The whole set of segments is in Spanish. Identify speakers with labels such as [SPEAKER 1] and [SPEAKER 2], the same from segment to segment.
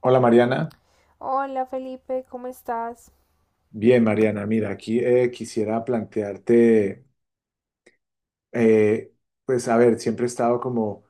[SPEAKER 1] Hola Mariana,
[SPEAKER 2] Hola Felipe, ¿cómo estás?
[SPEAKER 1] bien Mariana, mira, aquí quisiera plantearte, eh, pues a ver, siempre he estado como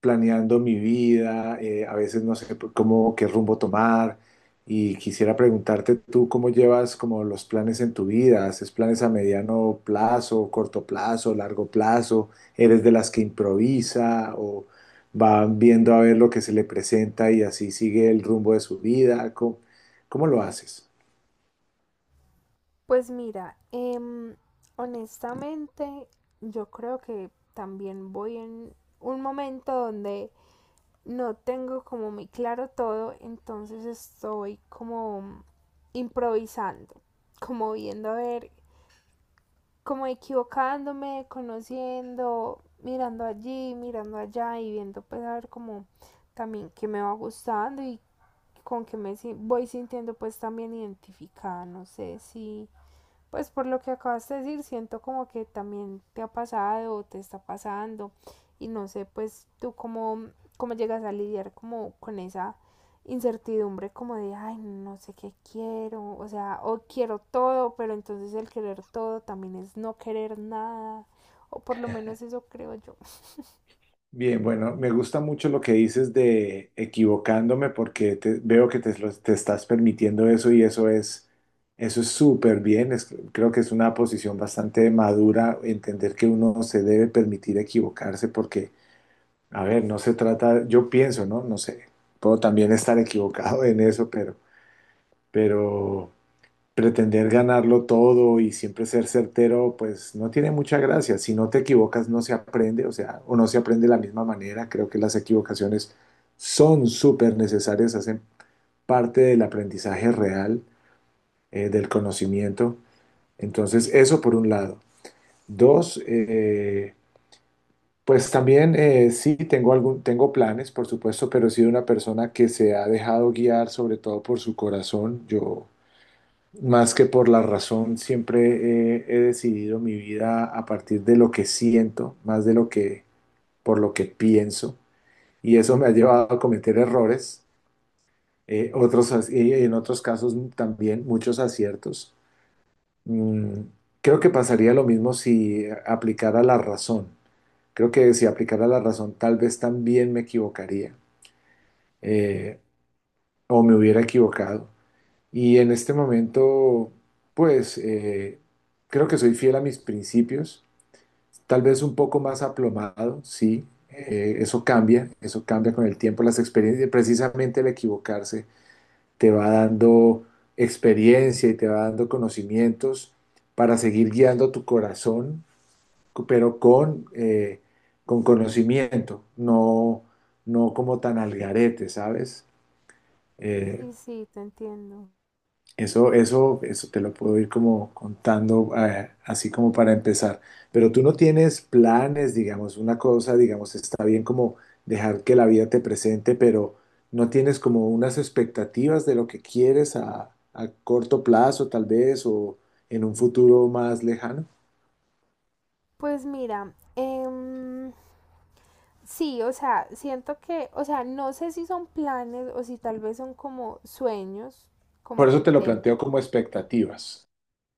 [SPEAKER 1] planeando mi vida, a veces no sé cómo, qué rumbo tomar y quisiera preguntarte tú cómo llevas como los planes en tu vida. ¿Haces planes a mediano plazo, corto plazo, largo plazo? ¿Eres de las que improvisa o van viendo a ver lo que se le presenta y así sigue el rumbo de su vida? ¿Cómo lo haces?
[SPEAKER 2] Pues mira, honestamente yo creo que también voy en un momento donde no tengo como muy claro todo, entonces estoy como improvisando, como viendo a ver como equivocándome, conociendo, mirando allí, mirando allá y viendo pues a ver como también qué me va gustando y con qué me si- voy sintiendo pues también identificada, no sé si pues por lo que acabas de decir, siento como que también te ha pasado o te está pasando y no sé, pues tú cómo, cómo llegas a lidiar como con esa incertidumbre como de, ay, no sé qué quiero, o sea, o quiero todo, pero entonces el querer todo también es no querer nada, o por lo menos eso creo yo.
[SPEAKER 1] Bien, bueno, me gusta mucho lo que dices de equivocándome porque veo que te estás permitiendo eso y eso es súper bien. Creo que es una posición bastante madura entender que uno se debe permitir equivocarse porque, a ver, no se trata, yo pienso, ¿no? No sé, puedo también estar equivocado en eso, pero pretender ganarlo todo y siempre ser certero, pues no tiene mucha gracia. Si no te equivocas, no se aprende, o sea, o no se aprende de la misma manera. Creo que las equivocaciones son súper necesarias, hacen parte del aprendizaje real, del conocimiento. Entonces, eso por un lado. Dos, pues también sí tengo algún, tengo planes, por supuesto, pero he sido una persona que se ha dejado guiar sobre todo por su corazón. Yo Más que por la razón, siempre he decidido mi vida a partir de lo que siento, más de lo que por lo que pienso, y eso me ha llevado a cometer errores, y en otros casos también muchos aciertos. Mm, creo que pasaría lo mismo si aplicara la razón. Creo que si aplicara la razón, tal vez también me equivocaría eh, o me hubiera equivocado. Y en este momento, pues creo que soy fiel a mis principios, tal vez un poco más aplomado, sí, eso cambia con el tiempo, las experiencias, precisamente el equivocarse te va dando experiencia y te va dando conocimientos para seguir guiando tu corazón, pero con conocimiento, no, no como tan al garete, ¿sabes? Eh,
[SPEAKER 2] Sí, sí, te entiendo.
[SPEAKER 1] Eso te lo puedo ir como contando, así como para empezar. Pero tú no tienes planes, digamos, una cosa, digamos, está bien como dejar que la vida te presente, pero no tienes como unas expectativas de lo que quieres a corto plazo, tal vez, o en un futuro más lejano.
[SPEAKER 2] Pues mira, sí, o sea, siento que, o sea, no sé si son planes o si tal vez son como sueños, como
[SPEAKER 1] Por eso
[SPEAKER 2] que
[SPEAKER 1] te lo planteo
[SPEAKER 2] tengo.
[SPEAKER 1] como expectativas.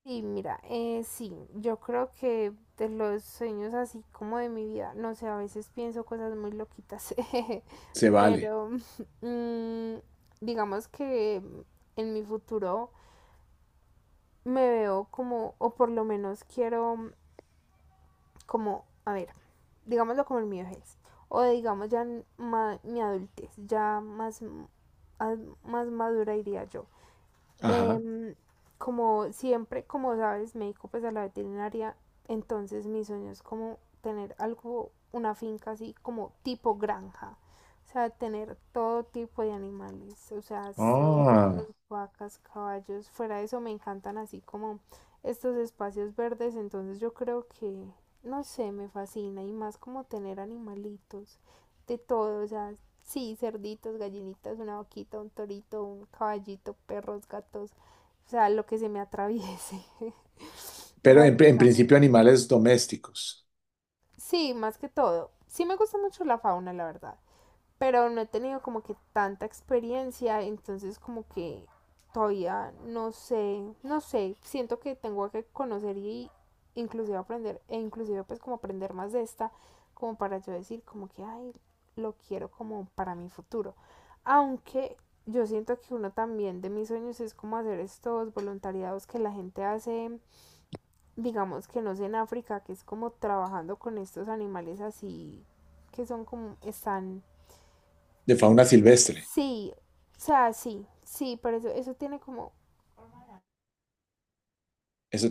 [SPEAKER 2] Sí, mira, sí, yo creo que de los sueños así como de mi vida, no sé, a veces pienso cosas muy loquitas,
[SPEAKER 1] Se vale.
[SPEAKER 2] pero mm, digamos que en mi futuro me veo como, o por lo menos quiero como, a ver, digámoslo como el mío es, o digamos ya en mi adultez, ya más, más madura diría yo.
[SPEAKER 1] Ajá.
[SPEAKER 2] Em, Como siempre, como sabes, me dedico pues a la veterinaria, entonces mi sueño es como tener algo, una finca así como tipo granja, o sea, tener todo tipo de animales, o sea, cerdos,
[SPEAKER 1] Ah,
[SPEAKER 2] vacas, caballos, fuera de eso me encantan así como estos espacios verdes, entonces yo creo que, no sé, me fascina y más como tener animalitos de todo, o sea, sí, cerditos, gallinitas, una vaquita, un torito, un caballito, perros, gatos, o sea, lo que se me atraviese,
[SPEAKER 1] pero en
[SPEAKER 2] básicamente.
[SPEAKER 1] principio animales domésticos,
[SPEAKER 2] Sí, más que todo. Sí me gusta mucho la fauna, la verdad, pero no he tenido como que tanta experiencia, entonces como que todavía no sé, no sé, siento que tengo que conocer y inclusive aprender, e inclusive pues como aprender más de esta, como para yo decir como que, ay, lo quiero como para mi futuro. Aunque yo siento que uno también de mis sueños es como hacer estos voluntariados que la gente hace, digamos que no sé, en África, que es como trabajando con estos animales así que son como están
[SPEAKER 1] de
[SPEAKER 2] es-
[SPEAKER 1] fauna silvestre.
[SPEAKER 2] sí, o sea, sí, sí, pero eso tiene como,
[SPEAKER 1] Eso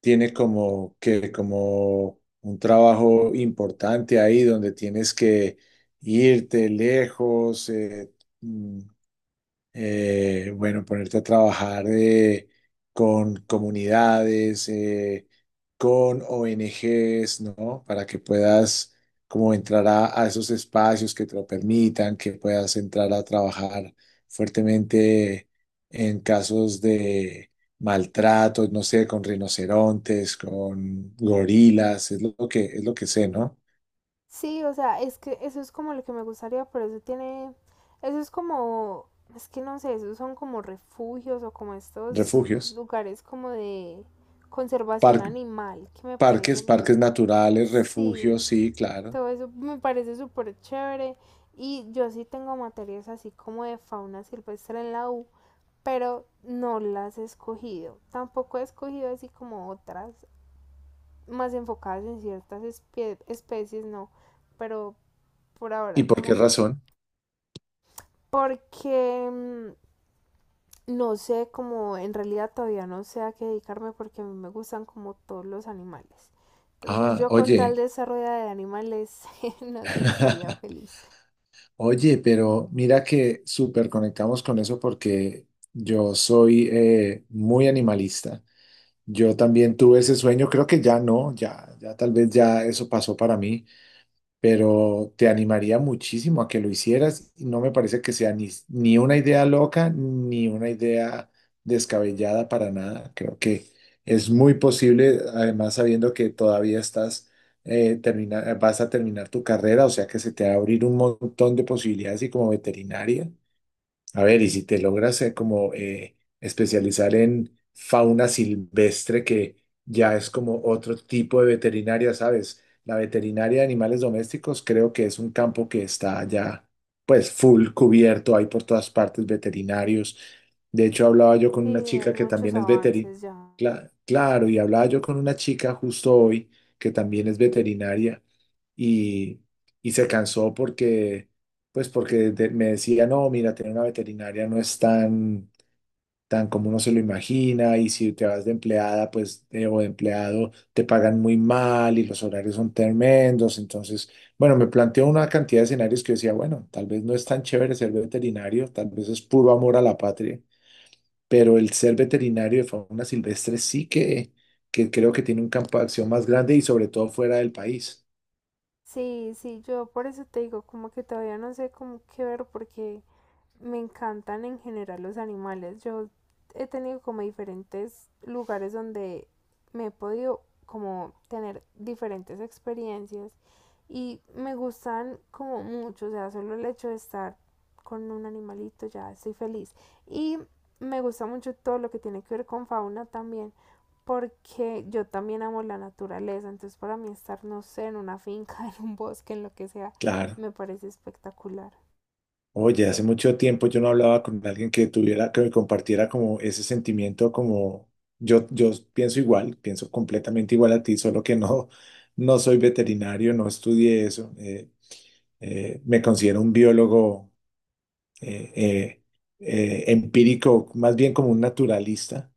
[SPEAKER 1] tiene como que como un trabajo importante ahí donde tienes que irte lejos, mm, bueno, ponerte a trabajar con comunidades, con ONGs, ¿no? Para que puedas como entrar a esos espacios que te lo permitan, que puedas entrar a trabajar fuertemente en casos de maltrato, no sé, con rinocerontes, con gorilas, es lo que sé, ¿no?
[SPEAKER 2] sí, o sea, es que eso es como lo que me gustaría, pero eso tiene, eso es como, es que no sé, esos son como refugios o como estos
[SPEAKER 1] Refugios,
[SPEAKER 2] lugares como de conservación
[SPEAKER 1] par-
[SPEAKER 2] animal que me
[SPEAKER 1] parques,
[SPEAKER 2] parecen,
[SPEAKER 1] parques naturales,
[SPEAKER 2] sí,
[SPEAKER 1] refugios, sí, claro.
[SPEAKER 2] todo eso me parece súper chévere y yo sí tengo materias así como de fauna silvestre en la U, pero no las he escogido, tampoco he escogido así como otras, más enfocadas en ciertas especies, no, pero por ahora
[SPEAKER 1] ¿Y por
[SPEAKER 2] como
[SPEAKER 1] qué
[SPEAKER 2] que
[SPEAKER 1] razón?
[SPEAKER 2] porque no sé como en realidad todavía no sé a qué dedicarme porque a mí me gustan como todos los animales. Entonces
[SPEAKER 1] Ah,
[SPEAKER 2] yo con tal
[SPEAKER 1] oye,
[SPEAKER 2] de esa rueda de animales, no sé, estaría feliz.
[SPEAKER 1] oye, pero mira que súper conectamos con eso porque yo soy muy animalista. Yo también tuve ese sueño, creo que ya no, ya tal vez ya eso pasó para mí. Pero te animaría muchísimo a que lo hicieras y no me parece que sea ni una idea loca ni una idea descabellada para nada. Creo que es muy posible, además sabiendo que todavía estás vas a terminar tu carrera, o sea que se te va a abrir un montón de posibilidades y como veterinaria. A ver, y si te logras como especializar en fauna silvestre, que ya es como otro tipo de veterinaria, ¿sabes? La veterinaria de animales domésticos creo que es un campo que está ya pues full cubierto, hay por todas partes veterinarios. De hecho, hablaba yo con
[SPEAKER 2] Sí,
[SPEAKER 1] una
[SPEAKER 2] hay
[SPEAKER 1] chica que
[SPEAKER 2] muchos
[SPEAKER 1] también es veterinaria,
[SPEAKER 2] avances ya.
[SPEAKER 1] claro, y hablaba yo con una chica justo hoy que también es veterinaria y, y se cansó porque pues porque me decía, no, mira, tener una veterinaria no es tan como uno se lo imagina y si te vas de empleada, pues, o de empleado, te pagan muy mal y los horarios son tremendos. Entonces, bueno, me planteó una cantidad de escenarios que yo decía, bueno, tal vez no es tan chévere ser veterinario, tal vez es puro amor a la patria, pero el ser veterinario de fauna silvestre sí que creo que tiene un campo de acción más grande y sobre todo fuera del país.
[SPEAKER 2] Sí, sí, yo por eso te digo como que todavía no sé cómo qué ver porque me encantan en general los animales. Yo he tenido como diferentes lugares donde me he podido como tener diferentes experiencias y me gustan como mucho, o sea, solo el hecho de estar con un animalito ya estoy feliz. Y me gusta mucho todo lo que tiene que ver con fauna también, porque yo también amo la naturaleza, entonces para mí estar, no sé, en una finca, en un bosque, en lo que sea,
[SPEAKER 1] Claro.
[SPEAKER 2] me parece espectacular.
[SPEAKER 1] Oye, hace mucho tiempo yo no hablaba con alguien que tuviera, que me compartiera como ese sentimiento, como yo pienso igual, pienso completamente igual a ti, solo que no, no soy veterinario, no estudié eso. Me considero un biólogo eh, eh, empírico, más bien como un naturalista.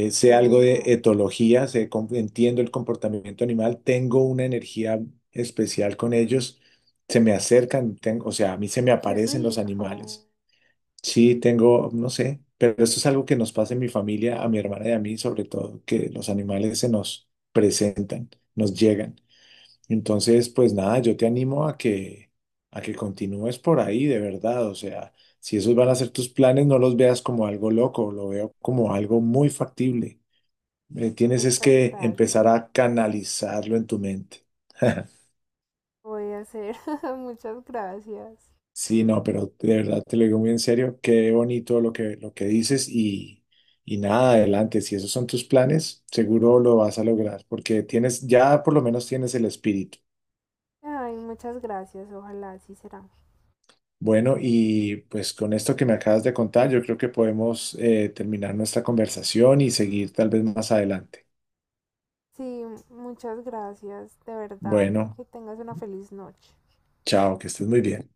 [SPEAKER 2] Ay, qué
[SPEAKER 1] Sé algo de
[SPEAKER 2] genial.
[SPEAKER 1] etología, entiendo el comportamiento animal, tengo una energía especial con ellos, se me acercan, o sea, a mí se me
[SPEAKER 2] Qué
[SPEAKER 1] aparecen los
[SPEAKER 2] rico.
[SPEAKER 1] animales. Sí, tengo, no sé, pero esto es algo que nos pasa en mi familia, a mi hermana y a mí, sobre todo, que los animales se nos presentan, nos llegan. Entonces, pues nada, yo te animo a que continúes por ahí, de verdad. O sea, si esos van a ser tus planes, no los veas como algo loco, lo veo como algo muy factible. Tienes es
[SPEAKER 2] Muchas
[SPEAKER 1] que
[SPEAKER 2] gracias.
[SPEAKER 1] empezar a canalizarlo en tu mente.
[SPEAKER 2] Voy a hacer. Muchas gracias.
[SPEAKER 1] Sí, no, pero de verdad te lo digo muy en serio, qué bonito lo que dices y nada, adelante, si esos son tus planes, seguro lo vas a lograr, porque tienes, ya por lo menos tienes el espíritu.
[SPEAKER 2] Ay, muchas gracias. Ojalá así será.
[SPEAKER 1] Bueno, y pues con esto que me acabas de contar, yo creo que podemos terminar nuestra conversación y seguir tal vez más adelante.
[SPEAKER 2] Sí, muchas gracias. De verdad.
[SPEAKER 1] Bueno,
[SPEAKER 2] Que tengas una feliz noche.
[SPEAKER 1] chao, que estés muy bien.